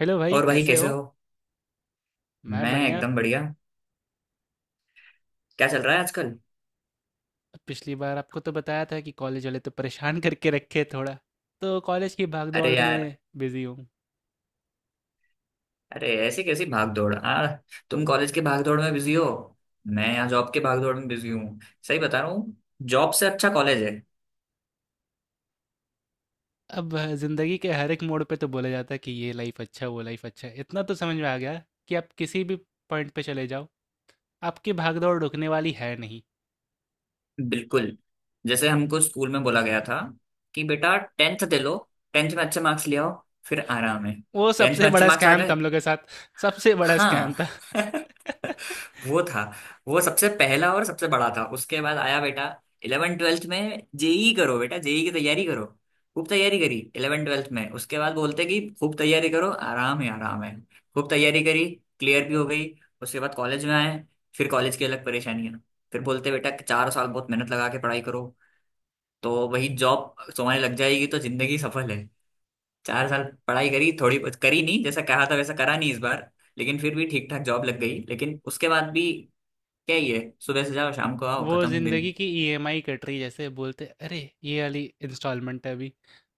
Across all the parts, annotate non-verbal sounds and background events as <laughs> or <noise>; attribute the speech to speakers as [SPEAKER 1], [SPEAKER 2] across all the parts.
[SPEAKER 1] Hello भाई
[SPEAKER 2] और भाई
[SPEAKER 1] कैसे
[SPEAKER 2] कैसे
[SPEAKER 1] हो।
[SPEAKER 2] हो।
[SPEAKER 1] मैं
[SPEAKER 2] मैं
[SPEAKER 1] बढ़िया।
[SPEAKER 2] एकदम बढ़िया। क्या चल रहा है आजकल।
[SPEAKER 1] पिछली बार आपको तो बताया था कि कॉलेज वाले तो परेशान करके रखे थोड़ा, तो कॉलेज की भागदौड़
[SPEAKER 2] अरे यार।
[SPEAKER 1] में बिजी हूँ।
[SPEAKER 2] अरे ऐसी कैसी भाग दौड़ आ। तुम कॉलेज के भाग दौड़ में बिजी हो। मैं यहाँ जॉब के भाग दौड़ में बिजी हूँ। सही बता रहा हूँ। जॉब से अच्छा कॉलेज है।
[SPEAKER 1] अब ज़िंदगी के हर एक मोड़ पे तो बोला जाता है कि ये लाइफ अच्छा वो लाइफ अच्छा। इतना तो समझ में आ गया कि आप किसी भी पॉइंट पे चले जाओ, आपकी भागदौड़ रुकने वाली है नहीं।
[SPEAKER 2] बिल्कुल। जैसे हमको स्कूल में बोला गया था कि बेटा टेंथ दे लो। टेंथ में अच्छे मार्क्स ले आओ। फिर आराम है।
[SPEAKER 1] वो
[SPEAKER 2] टेंथ
[SPEAKER 1] सबसे
[SPEAKER 2] में अच्छे
[SPEAKER 1] बड़ा
[SPEAKER 2] मार्क्स आ
[SPEAKER 1] स्कैम था
[SPEAKER 2] गए।
[SPEAKER 1] हम लोग के साथ। सबसे बड़ा स्कैम
[SPEAKER 2] हाँ।
[SPEAKER 1] था। <laughs>
[SPEAKER 2] <laughs> वो था। वो सबसे पहला और सबसे बड़ा था। उसके बाद आया बेटा इलेवन ट्वेल्थ में जेई करो। बेटा जेई की तैयारी करो। खूब तैयारी करी इलेवन ट्वेल्थ में। उसके बाद बोलते कि खूब तैयारी करो आराम है आराम है। खूब तैयारी करी। क्लियर भी हो गई। उसके बाद कॉलेज में आए। फिर कॉलेज की अलग परेशानी है। फिर बोलते बेटा कि 4 साल बहुत मेहनत लगा के पढ़ाई करो तो वही जॉब तुम्हारी लग जाएगी तो जिंदगी सफल है। 4 साल पढ़ाई करी, थोड़ी बहुत करी, नहीं जैसा कहा था वैसा करा नहीं इस बार। लेकिन फिर भी ठीक ठाक जॉब लग गई, लेकिन उसके बाद भी क्या ही है। सुबह से जाओ शाम को आओ,
[SPEAKER 1] वो
[SPEAKER 2] खत्म
[SPEAKER 1] ज़िंदगी
[SPEAKER 2] दिन।
[SPEAKER 1] की ईएमआई कट रही है, जैसे बोलते अरे ये वाली इंस्टॉलमेंट है अभी।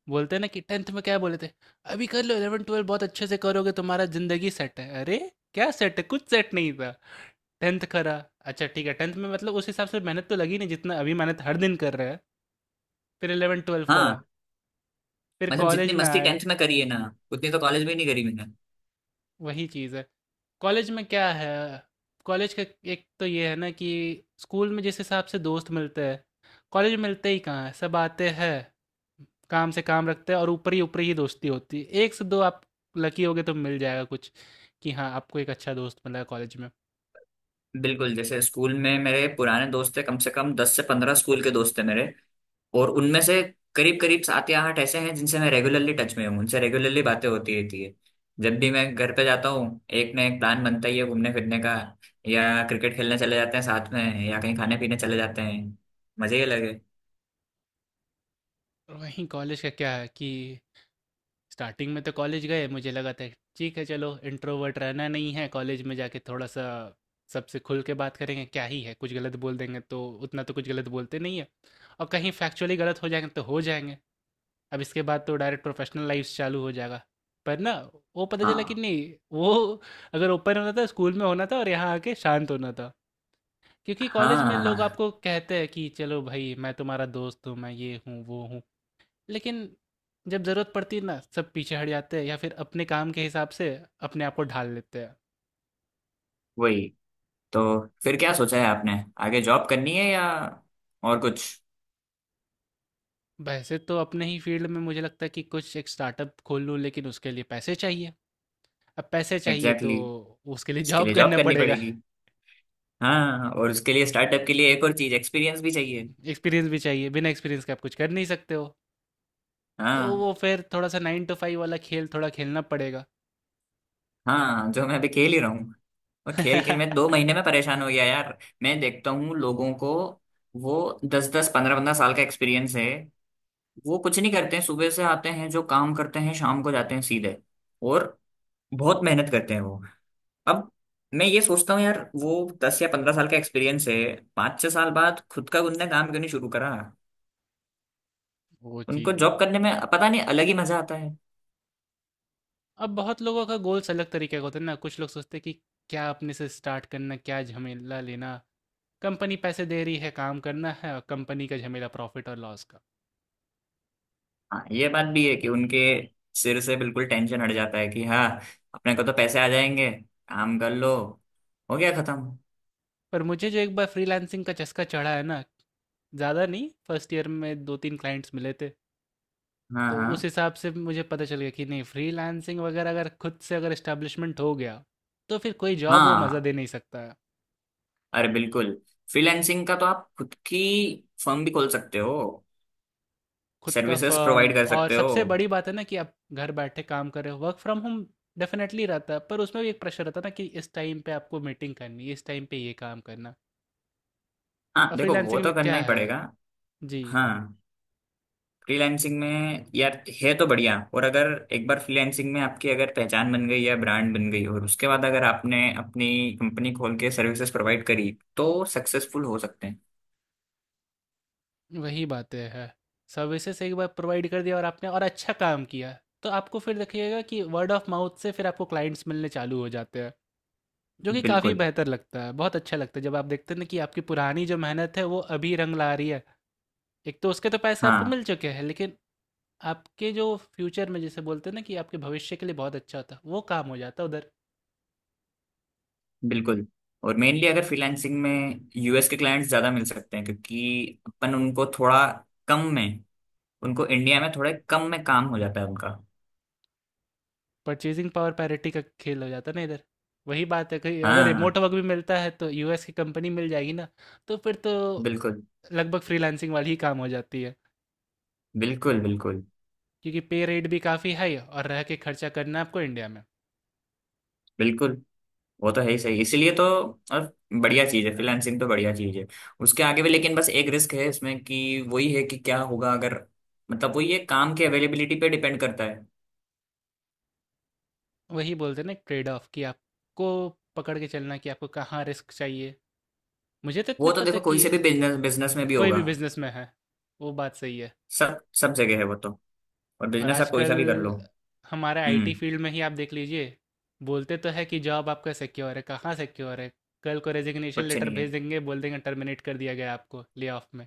[SPEAKER 1] बोलते हैं ना कि 10th में क्या बोले थे, अभी कर लो 11 12 बहुत अच्छे से करोगे, तुम्हारा ज़िंदगी सेट है। अरे क्या सेट है, कुछ सेट नहीं था। 10th करा, अच्छा ठीक है, 10th में मतलब उस हिसाब से मेहनत तो लगी नहीं जितना अभी मेहनत हर दिन कर रहा है। फिर 11 12 करा,
[SPEAKER 2] हाँ,
[SPEAKER 1] फिर
[SPEAKER 2] मतलब जितनी
[SPEAKER 1] कॉलेज में
[SPEAKER 2] मस्ती
[SPEAKER 1] आए।
[SPEAKER 2] टेंथ में करी है ना, उतनी तो कॉलेज में नहीं करी मैंने।
[SPEAKER 1] वही चीज़ है। कॉलेज में क्या है, कॉलेज का एक तो ये है ना कि स्कूल में जिस हिसाब से दोस्त मिलते हैं, कॉलेज में मिलते ही कहाँ हैं, सब आते हैं, काम से काम रखते हैं और ऊपरी ऊपरी ही दोस्ती होती है। 1 से 2 आप लकी होगे तो मिल जाएगा कुछ कि हाँ, आपको एक अच्छा दोस्त मिला है कॉलेज में।
[SPEAKER 2] बिल्कुल। जैसे स्कूल में मेरे पुराने दोस्त थे, कम से कम 10 से 15 स्कूल के दोस्त थे मेरे, और उनमें से करीब करीब सात या आठ ऐसे हैं जिनसे मैं रेगुलरली टच में हूँ, उनसे रेगुलरली बातें होती रहती है। जब भी मैं घर पे जाता हूँ एक ना एक प्लान बनता ही है घूमने फिरने का, या क्रिकेट खेलने चले जाते हैं साथ में, या कहीं खाने पीने चले जाते हैं। मजे ही अलग है।
[SPEAKER 1] और वहीं कॉलेज का क्या है कि स्टार्टिंग में तो कॉलेज गए मुझे लगा था ठीक है चलो, इंट्रोवर्ट रहना नहीं है, कॉलेज में जाके थोड़ा सा सबसे खुल के बात करेंगे, क्या ही है, कुछ गलत बोल देंगे तो उतना तो कुछ गलत बोलते नहीं है, और कहीं फैक्चुअली गलत हो जाएंगे तो हो जाएंगे। अब इसके बाद तो डायरेक्ट प्रोफेशनल लाइफ चालू हो जाएगा, पर ना वो पता चला कि
[SPEAKER 2] हाँ
[SPEAKER 1] नहीं, वो अगर ओपन होना था स्कूल में होना था और यहाँ आके शांत होना था। क्योंकि कॉलेज में लोग
[SPEAKER 2] हाँ।
[SPEAKER 1] आपको कहते हैं कि चलो भाई मैं तुम्हारा दोस्त हूँ, मैं ये हूँ वो हूँ, लेकिन जब ज़रूरत पड़ती है ना, सब पीछे हट जाते हैं या फिर अपने काम के हिसाब से अपने आप को ढाल लेते हैं।
[SPEAKER 2] वही। तो फिर क्या सोचा है आपने, आगे जॉब करनी है या और कुछ।
[SPEAKER 1] वैसे तो अपने ही फील्ड में मुझे लगता है कि कुछ एक स्टार्टअप खोल लूँ, लेकिन उसके लिए पैसे चाहिए। अब पैसे चाहिए तो
[SPEAKER 2] एग्जैक्टली exactly.
[SPEAKER 1] उसके लिए
[SPEAKER 2] इसके
[SPEAKER 1] जॉब
[SPEAKER 2] लिए जॉब
[SPEAKER 1] करना
[SPEAKER 2] करनी
[SPEAKER 1] पड़ेगा।
[SPEAKER 2] पड़ेगी। हाँ, और उसके लिए स्टार्टअप के लिए एक और चीज एक्सपीरियंस भी चाहिए।
[SPEAKER 1] एक्सपीरियंस भी चाहिए, बिना एक्सपीरियंस के आप कुछ कर नहीं सकते हो। तो
[SPEAKER 2] हाँ।
[SPEAKER 1] वो फिर थोड़ा-सा 9 टू 5 वाला खेल थोड़ा खेलना पड़ेगा।
[SPEAKER 2] हाँ, जो मैं अभी खेल ही रहा हूँ। और खेल खेल में दो
[SPEAKER 1] <laughs>
[SPEAKER 2] महीने में परेशान हो गया यार। मैं देखता हूँ लोगों को, वो दस दस पंद्रह पंद्रह साल का एक्सपीरियंस है। वो कुछ नहीं करते हैं, सुबह से आते हैं, जो काम करते हैं, शाम को जाते हैं सीधे। और बहुत मेहनत करते हैं वो। अब मैं ये सोचता हूँ यार, वो 10 या 15 साल का एक्सपीरियंस है, पाँच छह साल बाद खुद का उनने काम क्यों नहीं शुरू करा।
[SPEAKER 1] वो
[SPEAKER 2] उनको
[SPEAKER 1] चीज़ है।
[SPEAKER 2] जॉब करने में पता नहीं अलग ही मजा आता।
[SPEAKER 1] अब बहुत लोगों का गोल्स अलग तरीके का होता है ना, कुछ लोग सोचते हैं कि क्या अपने से स्टार्ट करना, क्या झमेला लेना, कंपनी पैसे दे रही है, काम करना है और कंपनी का झमेला प्रॉफ़िट और लॉस का।
[SPEAKER 2] हाँ, ये बात भी है कि उनके सिर से बिल्कुल टेंशन हट जाता है कि हाँ, अपने को तो पैसे आ जाएंगे, काम कर लो, हो गया खत्म।
[SPEAKER 1] पर मुझे जो एक बार फ्रीलांसिंग का चस्का चढ़ा है ना, ज़्यादा नहीं, फर्स्ट ईयर में 2-3 क्लाइंट्स मिले थे,
[SPEAKER 2] हाँ।
[SPEAKER 1] तो
[SPEAKER 2] हाँ।
[SPEAKER 1] उस हिसाब से मुझे पता चल गया कि नहीं, फ्रीलांसिंग वगैरह अगर खुद से अगर एस्टैब्लिशमेंट हो गया, तो फिर कोई जॉब वो मज़ा
[SPEAKER 2] हाँ।
[SPEAKER 1] दे नहीं सकता है।
[SPEAKER 2] अरे बिल्कुल। फ्रीलैंसिंग का तो आप खुद की फर्म भी खोल सकते हो,
[SPEAKER 1] खुद का
[SPEAKER 2] सर्विसेज
[SPEAKER 1] फर्म,
[SPEAKER 2] प्रोवाइड कर
[SPEAKER 1] और
[SPEAKER 2] सकते हो।
[SPEAKER 1] सबसे बड़ी बात है ना कि आप घर बैठे काम कर रहे हो। वर्क फ्रॉम होम डेफिनेटली रहता है, पर उसमें भी एक प्रेशर रहता है ना कि इस टाइम पे आपको मीटिंग करनी है, इस टाइम पे ये काम करना।
[SPEAKER 2] हाँ,
[SPEAKER 1] और
[SPEAKER 2] देखो वो
[SPEAKER 1] फ्रीलांसिंग
[SPEAKER 2] तो
[SPEAKER 1] में
[SPEAKER 2] करना
[SPEAKER 1] क्या
[SPEAKER 2] ही
[SPEAKER 1] है।
[SPEAKER 2] पड़ेगा।
[SPEAKER 1] जी।
[SPEAKER 2] हाँ, फ्रीलैंसिंग में यार है तो बढ़िया। और अगर एक बार फ्रीलैंसिंग में आपकी अगर पहचान बन गई या ब्रांड बन गई, और उसके बाद अगर आपने अपनी कंपनी खोल के सर्विसेज प्रोवाइड करी, तो सक्सेसफुल हो सकते हैं।
[SPEAKER 1] वही बातें है, सर्विसेज एक बार प्रोवाइड कर दिया और आपने और अच्छा काम किया, तो आपको फिर देखिएगा कि वर्ड ऑफ माउथ से फिर आपको क्लाइंट्स मिलने चालू हो जाते हैं, जो कि काफ़ी
[SPEAKER 2] बिल्कुल।
[SPEAKER 1] बेहतर लगता है। बहुत अच्छा लगता है जब आप देखते हैं ना कि आपकी पुरानी जो मेहनत है वो अभी रंग ला रही है। एक तो उसके तो पैसे आपको
[SPEAKER 2] हाँ।
[SPEAKER 1] मिल चुके हैं, लेकिन आपके जो फ्यूचर में जैसे बोलते हैं ना कि आपके भविष्य के लिए बहुत अच्छा होता, वो काम हो जाता उधर।
[SPEAKER 2] बिल्कुल। और मेनली अगर फ्रीलांसिंग में, यूएस के क्लाइंट्स ज़्यादा मिल सकते हैं, क्योंकि अपन उनको थोड़ा कम में, उनको इंडिया में थोड़े कम में काम हो जाता है उनका।
[SPEAKER 1] परचेज़िंग पावर पैरिटी का खेल हो जाता ना इधर। वही बात है, कहीं अगर
[SPEAKER 2] हाँ।
[SPEAKER 1] रिमोट वर्क भी मिलता है तो यूएस की कंपनी मिल जाएगी ना, तो फिर तो
[SPEAKER 2] बिल्कुल।
[SPEAKER 1] लगभग फ्रीलांसिंग वाली ही काम हो जाती है।
[SPEAKER 2] बिल्कुल। बिल्कुल
[SPEAKER 1] क्योंकि पे रेट भी काफ़ी हाई, और रह के खर्चा करना है आपको इंडिया में।
[SPEAKER 2] बिल्कुल। वो तो है ही सही। इसीलिए तो। और बढ़िया चीज़ है फ्रीलांसिंग तो, बढ़िया चीज़ है उसके आगे भी। लेकिन बस एक रिस्क है इसमें कि वही है कि क्या होगा अगर, मतलब वही है, काम की अवेलेबिलिटी पे डिपेंड करता है।
[SPEAKER 1] वही बोलते हैं ना, ट्रेड ऑफ कि आपको पकड़ के चलना है कि आपको कहाँ रिस्क चाहिए। मुझे तो इतना
[SPEAKER 2] वो तो
[SPEAKER 1] पता है
[SPEAKER 2] देखो कोई से भी
[SPEAKER 1] कि
[SPEAKER 2] बिजनेस, बिजनेस में भी
[SPEAKER 1] कोई
[SPEAKER 2] होगा।
[SPEAKER 1] भी बिज़नेस में है, वो बात सही है।
[SPEAKER 2] सब सब जगह है वो तो। और
[SPEAKER 1] और
[SPEAKER 2] बिजनेस आप कोई
[SPEAKER 1] आजकल
[SPEAKER 2] सा भी कर लो।
[SPEAKER 1] हमारा आईटी
[SPEAKER 2] हम्म।
[SPEAKER 1] फील्ड में ही आप देख लीजिए, बोलते तो है कि जॉब आपका सिक्योर है, कहाँ सिक्योर है? कल को रेज़िग्नेशन
[SPEAKER 2] कुछ
[SPEAKER 1] लेटर
[SPEAKER 2] नहीं है।
[SPEAKER 1] भेज देंगे, बोल देंगे टर्मिनेट कर दिया गया आपको, ले ऑफ में।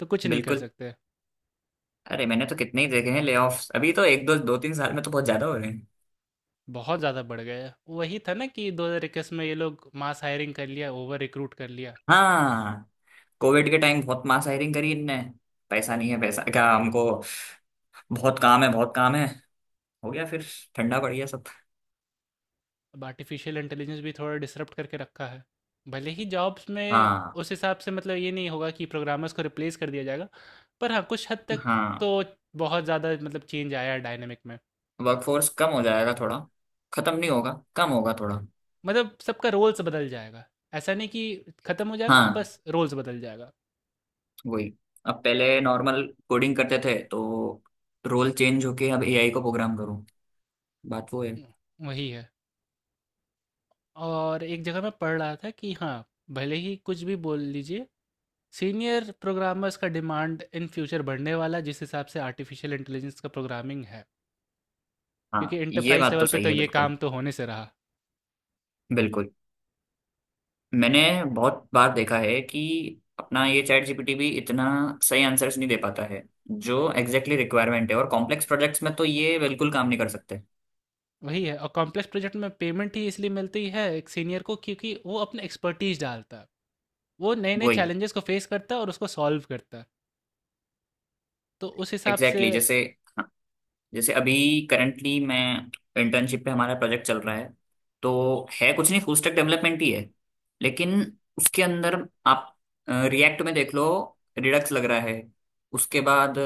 [SPEAKER 1] तो कुछ नहीं कर
[SPEAKER 2] बिल्कुल।
[SPEAKER 1] सकते,
[SPEAKER 2] अरे मैंने तो कितने ही देखे हैं लेऑफ्स अभी तो। एक दो दो तीन साल में तो बहुत ज्यादा हो रहे हैं।
[SPEAKER 1] बहुत ज़्यादा बढ़ गया है। वही था ना कि 2021 में ये लोग मास हायरिंग कर लिया, ओवर रिक्रूट कर लिया।
[SPEAKER 2] हाँ, कोविड के टाइम बहुत मास हायरिंग करी इनने। पैसा नहीं है पैसा, क्या हमको, बहुत काम है बहुत काम है। हो गया फिर, ठंडा पड़ गया सब।
[SPEAKER 1] अब आर्टिफिशियल इंटेलिजेंस भी थोड़ा डिसरप्ट करके रखा है। भले ही जॉब्स में
[SPEAKER 2] हाँ।
[SPEAKER 1] उस हिसाब से मतलब ये नहीं होगा कि प्रोग्रामर्स को रिप्लेस कर दिया जाएगा, पर हाँ, कुछ हद तक
[SPEAKER 2] हाँ।
[SPEAKER 1] तो बहुत ज़्यादा मतलब चेंज आया है डायनामिक में।
[SPEAKER 2] वर्कफोर्स कम हो जाएगा थोड़ा, खत्म नहीं होगा, कम होगा थोड़ा।
[SPEAKER 1] मतलब सबका रोल्स बदल जाएगा। ऐसा नहीं कि खत्म हो जाएगा,
[SPEAKER 2] हाँ।
[SPEAKER 1] बस रोल्स बदल जाएगा।
[SPEAKER 2] वही। अब पहले नॉर्मल कोडिंग करते थे तो, रोल चेंज होके अब एआई को प्रोग्राम करूँ, बात वो है।
[SPEAKER 1] हुँ, वही है। और एक जगह मैं पढ़ रहा था कि हाँ, भले ही कुछ भी बोल लीजिए, सीनियर प्रोग्रामर्स का डिमांड इन फ्यूचर बढ़ने वाला जिस हिसाब से आर्टिफिशियल इंटेलिजेंस का प्रोग्रामिंग है। क्योंकि
[SPEAKER 2] हाँ, ये
[SPEAKER 1] एंटरप्राइज
[SPEAKER 2] बात
[SPEAKER 1] लेवल
[SPEAKER 2] तो
[SPEAKER 1] पे
[SPEAKER 2] सही
[SPEAKER 1] तो
[SPEAKER 2] है
[SPEAKER 1] ये
[SPEAKER 2] बिल्कुल।
[SPEAKER 1] काम तो होने से रहा।
[SPEAKER 2] बिल्कुल। मैंने बहुत बार देखा है कि अपना ये चैट जीपीटी भी इतना सही आंसर्स नहीं दे पाता है जो एग्जैक्टली रिक्वायरमेंट है, और कॉम्प्लेक्स प्रोजेक्ट्स में तो ये बिल्कुल काम नहीं कर सकते।
[SPEAKER 1] वही है, और कॉम्प्लेक्स प्रोजेक्ट में पेमेंट ही इसलिए मिलती है एक सीनियर को, क्योंकि वो अपने एक्सपर्टीज डालता है, वो नए नए
[SPEAKER 2] वही।
[SPEAKER 1] चैलेंजेस को फेस करता है और उसको सॉल्व करता है। तो उस हिसाब से
[SPEAKER 2] एग्जैक्टली exactly, जैसे, हाँ, जैसे अभी करंटली मैं इंटर्नशिप पे हमारा प्रोजेक्ट चल रहा है तो, है कुछ नहीं, फुल स्टैक डेवलपमेंट ही है। लेकिन उसके अंदर, आप रिएक्ट में देख लो, रिडक्स लग रहा है। उसके बाद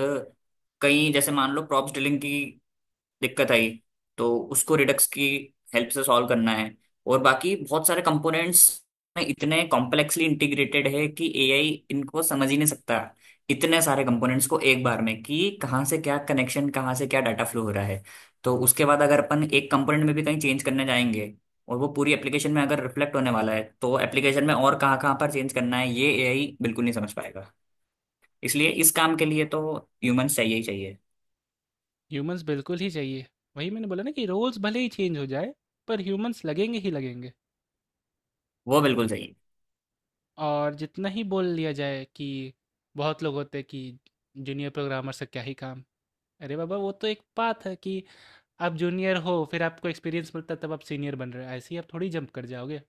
[SPEAKER 2] कई जैसे मान लो प्रॉप्स डीलिंग की दिक्कत आई, तो उसको रिडक्स की हेल्प से सॉल्व करना है। और बाकी बहुत सारे कंपोनेंट्स में इतने कॉम्प्लेक्सली इंटीग्रेटेड है कि एआई इनको समझ ही नहीं सकता, इतने सारे कंपोनेंट्स को एक बार में, कि कहाँ से क्या कनेक्शन, कहाँ से क्या डाटा फ्लो हो रहा है। तो उसके बाद अगर अपन एक कंपोनेंट में भी कहीं चेंज करने जाएंगे, और वो पूरी एप्लीकेशन में अगर रिफ्लेक्ट होने वाला है, तो एप्लीकेशन में और कहाँ कहाँ पर चेंज करना है, ये एआई बिल्कुल नहीं समझ पाएगा। इसलिए इस काम के लिए तो ह्यूमंस चाहिए ही चाहिए।
[SPEAKER 1] ह्यूमंस बिल्कुल ही चाहिए। वही मैंने बोला ना कि रोल्स भले ही चेंज हो जाए, पर ह्यूमंस लगेंगे ही लगेंगे।
[SPEAKER 2] वो बिल्कुल सही।
[SPEAKER 1] और जितना ही बोल लिया जाए कि बहुत लोग होते हैं कि जूनियर प्रोग्रामर से क्या ही काम, अरे बाबा वो तो एक बात है कि आप जूनियर हो, फिर आपको एक्सपीरियंस मिलता है, तब आप सीनियर बन रहे हो, ऐसे ही आप थोड़ी जंप कर जाओगे।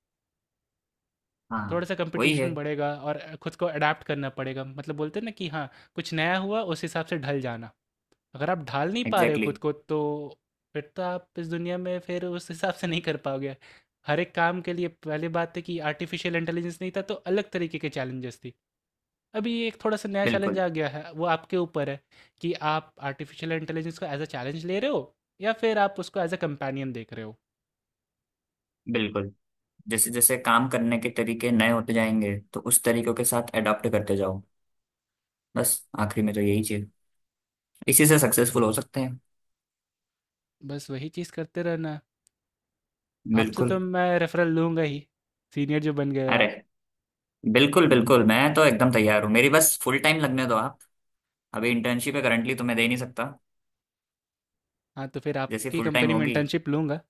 [SPEAKER 1] थोड़ा
[SPEAKER 2] हाँ।
[SPEAKER 1] सा
[SPEAKER 2] वही है।
[SPEAKER 1] कंपटीशन बढ़ेगा और खुद को अडाप्ट करना पड़ेगा, मतलब बोलते हैं ना कि हाँ कुछ नया हुआ उस हिसाब से ढल जाना। अगर आप ढाल नहीं पा रहे हो
[SPEAKER 2] एग्जैक्टली exactly,
[SPEAKER 1] खुद को तो फिर तो आप इस दुनिया में फिर उस हिसाब से नहीं कर पाओगे। हर एक काम के लिए, पहले बात है कि आर्टिफिशियल इंटेलिजेंस नहीं था तो अलग तरीके के चैलेंजेस थी, अभी ये एक थोड़ा सा नया चैलेंज
[SPEAKER 2] बिल्कुल
[SPEAKER 1] आ गया है। वो आपके ऊपर है कि आप आर्टिफिशियल इंटेलिजेंस को एज अ चैलेंज ले रहे हो या फिर आप उसको एज अ कंपेनियन देख रहे हो।
[SPEAKER 2] बिल्कुल। जैसे जैसे काम करने के तरीके नए होते जाएंगे तो उस तरीकों के साथ अडॉप्ट करते जाओ बस। आखिरी में तो यही चीज, इसी से सक्सेसफुल हो सकते हैं।
[SPEAKER 1] बस वही चीज़ करते रहना। आपसे तो
[SPEAKER 2] बिल्कुल।
[SPEAKER 1] मैं रेफ़रल लूँगा ही, सीनियर जो बन गए
[SPEAKER 2] अरे
[SPEAKER 1] आप।
[SPEAKER 2] बिल्कुल बिल्कुल, मैं तो एकदम तैयार हूँ, मेरी बस फुल टाइम लगने दो आप। अभी इंटर्नशिप है करंटली तो मैं दे नहीं सकता।
[SPEAKER 1] हाँ, तो फिर
[SPEAKER 2] जैसे
[SPEAKER 1] आपकी
[SPEAKER 2] फुल टाइम
[SPEAKER 1] कंपनी में
[SPEAKER 2] होगी।
[SPEAKER 1] इंटर्नशिप लूँगा,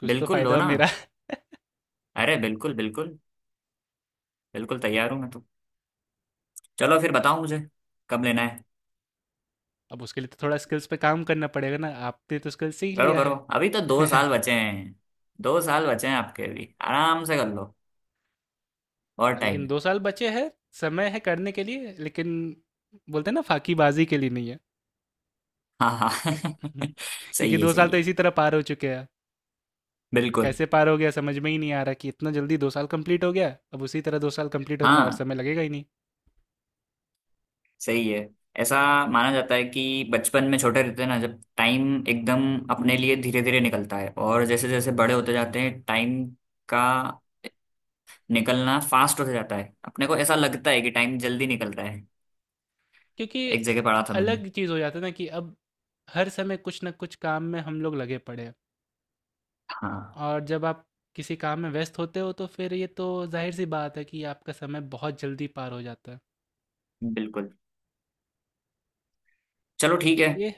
[SPEAKER 1] कुछ तो
[SPEAKER 2] बिल्कुल लो
[SPEAKER 1] फ़ायदा हो
[SPEAKER 2] ना।
[SPEAKER 1] मेरा। <laughs>
[SPEAKER 2] अरे बिल्कुल बिल्कुल। बिल्कुल तैयार हूँ मैं तो। चलो फिर बताओ मुझे कब लेना है।
[SPEAKER 1] अब उसके लिए तो थोड़ा स्किल्स पे काम करना पड़ेगा ना, आपने तो स्किल्स सीख
[SPEAKER 2] करो
[SPEAKER 1] लिया
[SPEAKER 2] करो,
[SPEAKER 1] है।
[SPEAKER 2] अभी तो
[SPEAKER 1] <laughs>
[SPEAKER 2] दो
[SPEAKER 1] हाँ,
[SPEAKER 2] साल बचे हैं। 2 साल बचे हैं आपके भी, आराम से कर लो, और टाइम
[SPEAKER 1] लेकिन
[SPEAKER 2] है।
[SPEAKER 1] 2 साल बचे हैं, समय है करने के लिए, लेकिन बोलते हैं ना फाकीबाज़ी के लिए नहीं है।
[SPEAKER 2] हाँ। हाँ।
[SPEAKER 1] <laughs>
[SPEAKER 2] <laughs>
[SPEAKER 1] क्योंकि
[SPEAKER 2] सही है
[SPEAKER 1] 2
[SPEAKER 2] सही
[SPEAKER 1] साल तो
[SPEAKER 2] है।
[SPEAKER 1] इसी तरह पार हो चुके हैं।
[SPEAKER 2] बिल्कुल।
[SPEAKER 1] कैसे पार हो गया समझ में ही नहीं आ रहा कि इतना जल्दी 2 साल कंप्लीट हो गया, अब उसी तरह 2 साल कंप्लीट होने में और
[SPEAKER 2] हाँ,
[SPEAKER 1] समय लगेगा ही नहीं।
[SPEAKER 2] सही है। ऐसा माना जाता है कि बचपन में छोटे रहते हैं ना, जब टाइम एकदम अपने लिए धीरे धीरे निकलता है, और जैसे जैसे बड़े होते जाते हैं टाइम का निकलना फास्ट होता जाता है। अपने को ऐसा लगता है कि टाइम जल्दी निकल रहा है।
[SPEAKER 1] क्योंकि
[SPEAKER 2] एक जगह पढ़ा था मैंने।
[SPEAKER 1] अलग चीज़ हो जाता है ना कि अब हर समय कुछ ना कुछ काम में हम लोग लगे पड़े हैं,
[SPEAKER 2] हाँ।
[SPEAKER 1] और जब आप किसी काम में व्यस्त होते हो तो फिर ये तो जाहिर सी बात है कि आपका समय बहुत जल्दी पार हो जाता है।
[SPEAKER 2] बिल्कुल। चलो
[SPEAKER 1] तो
[SPEAKER 2] ठीक है,
[SPEAKER 1] चलिए,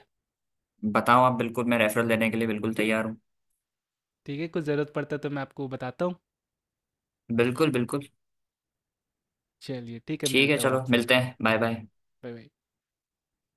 [SPEAKER 2] बताओ आप, बिल्कुल मैं रेफरल देने के लिए बिल्कुल तैयार हूँ।
[SPEAKER 1] ठीक है, कुछ ज़रूरत पड़ता है तो मैं आपको बताता हूँ।
[SPEAKER 2] बिल्कुल बिल्कुल।
[SPEAKER 1] चलिए ठीक है,
[SPEAKER 2] ठीक है,
[SPEAKER 1] मिलता हूँ
[SPEAKER 2] चलो
[SPEAKER 1] आपसे।
[SPEAKER 2] मिलते हैं, बाय बाय।
[SPEAKER 1] Bye bye.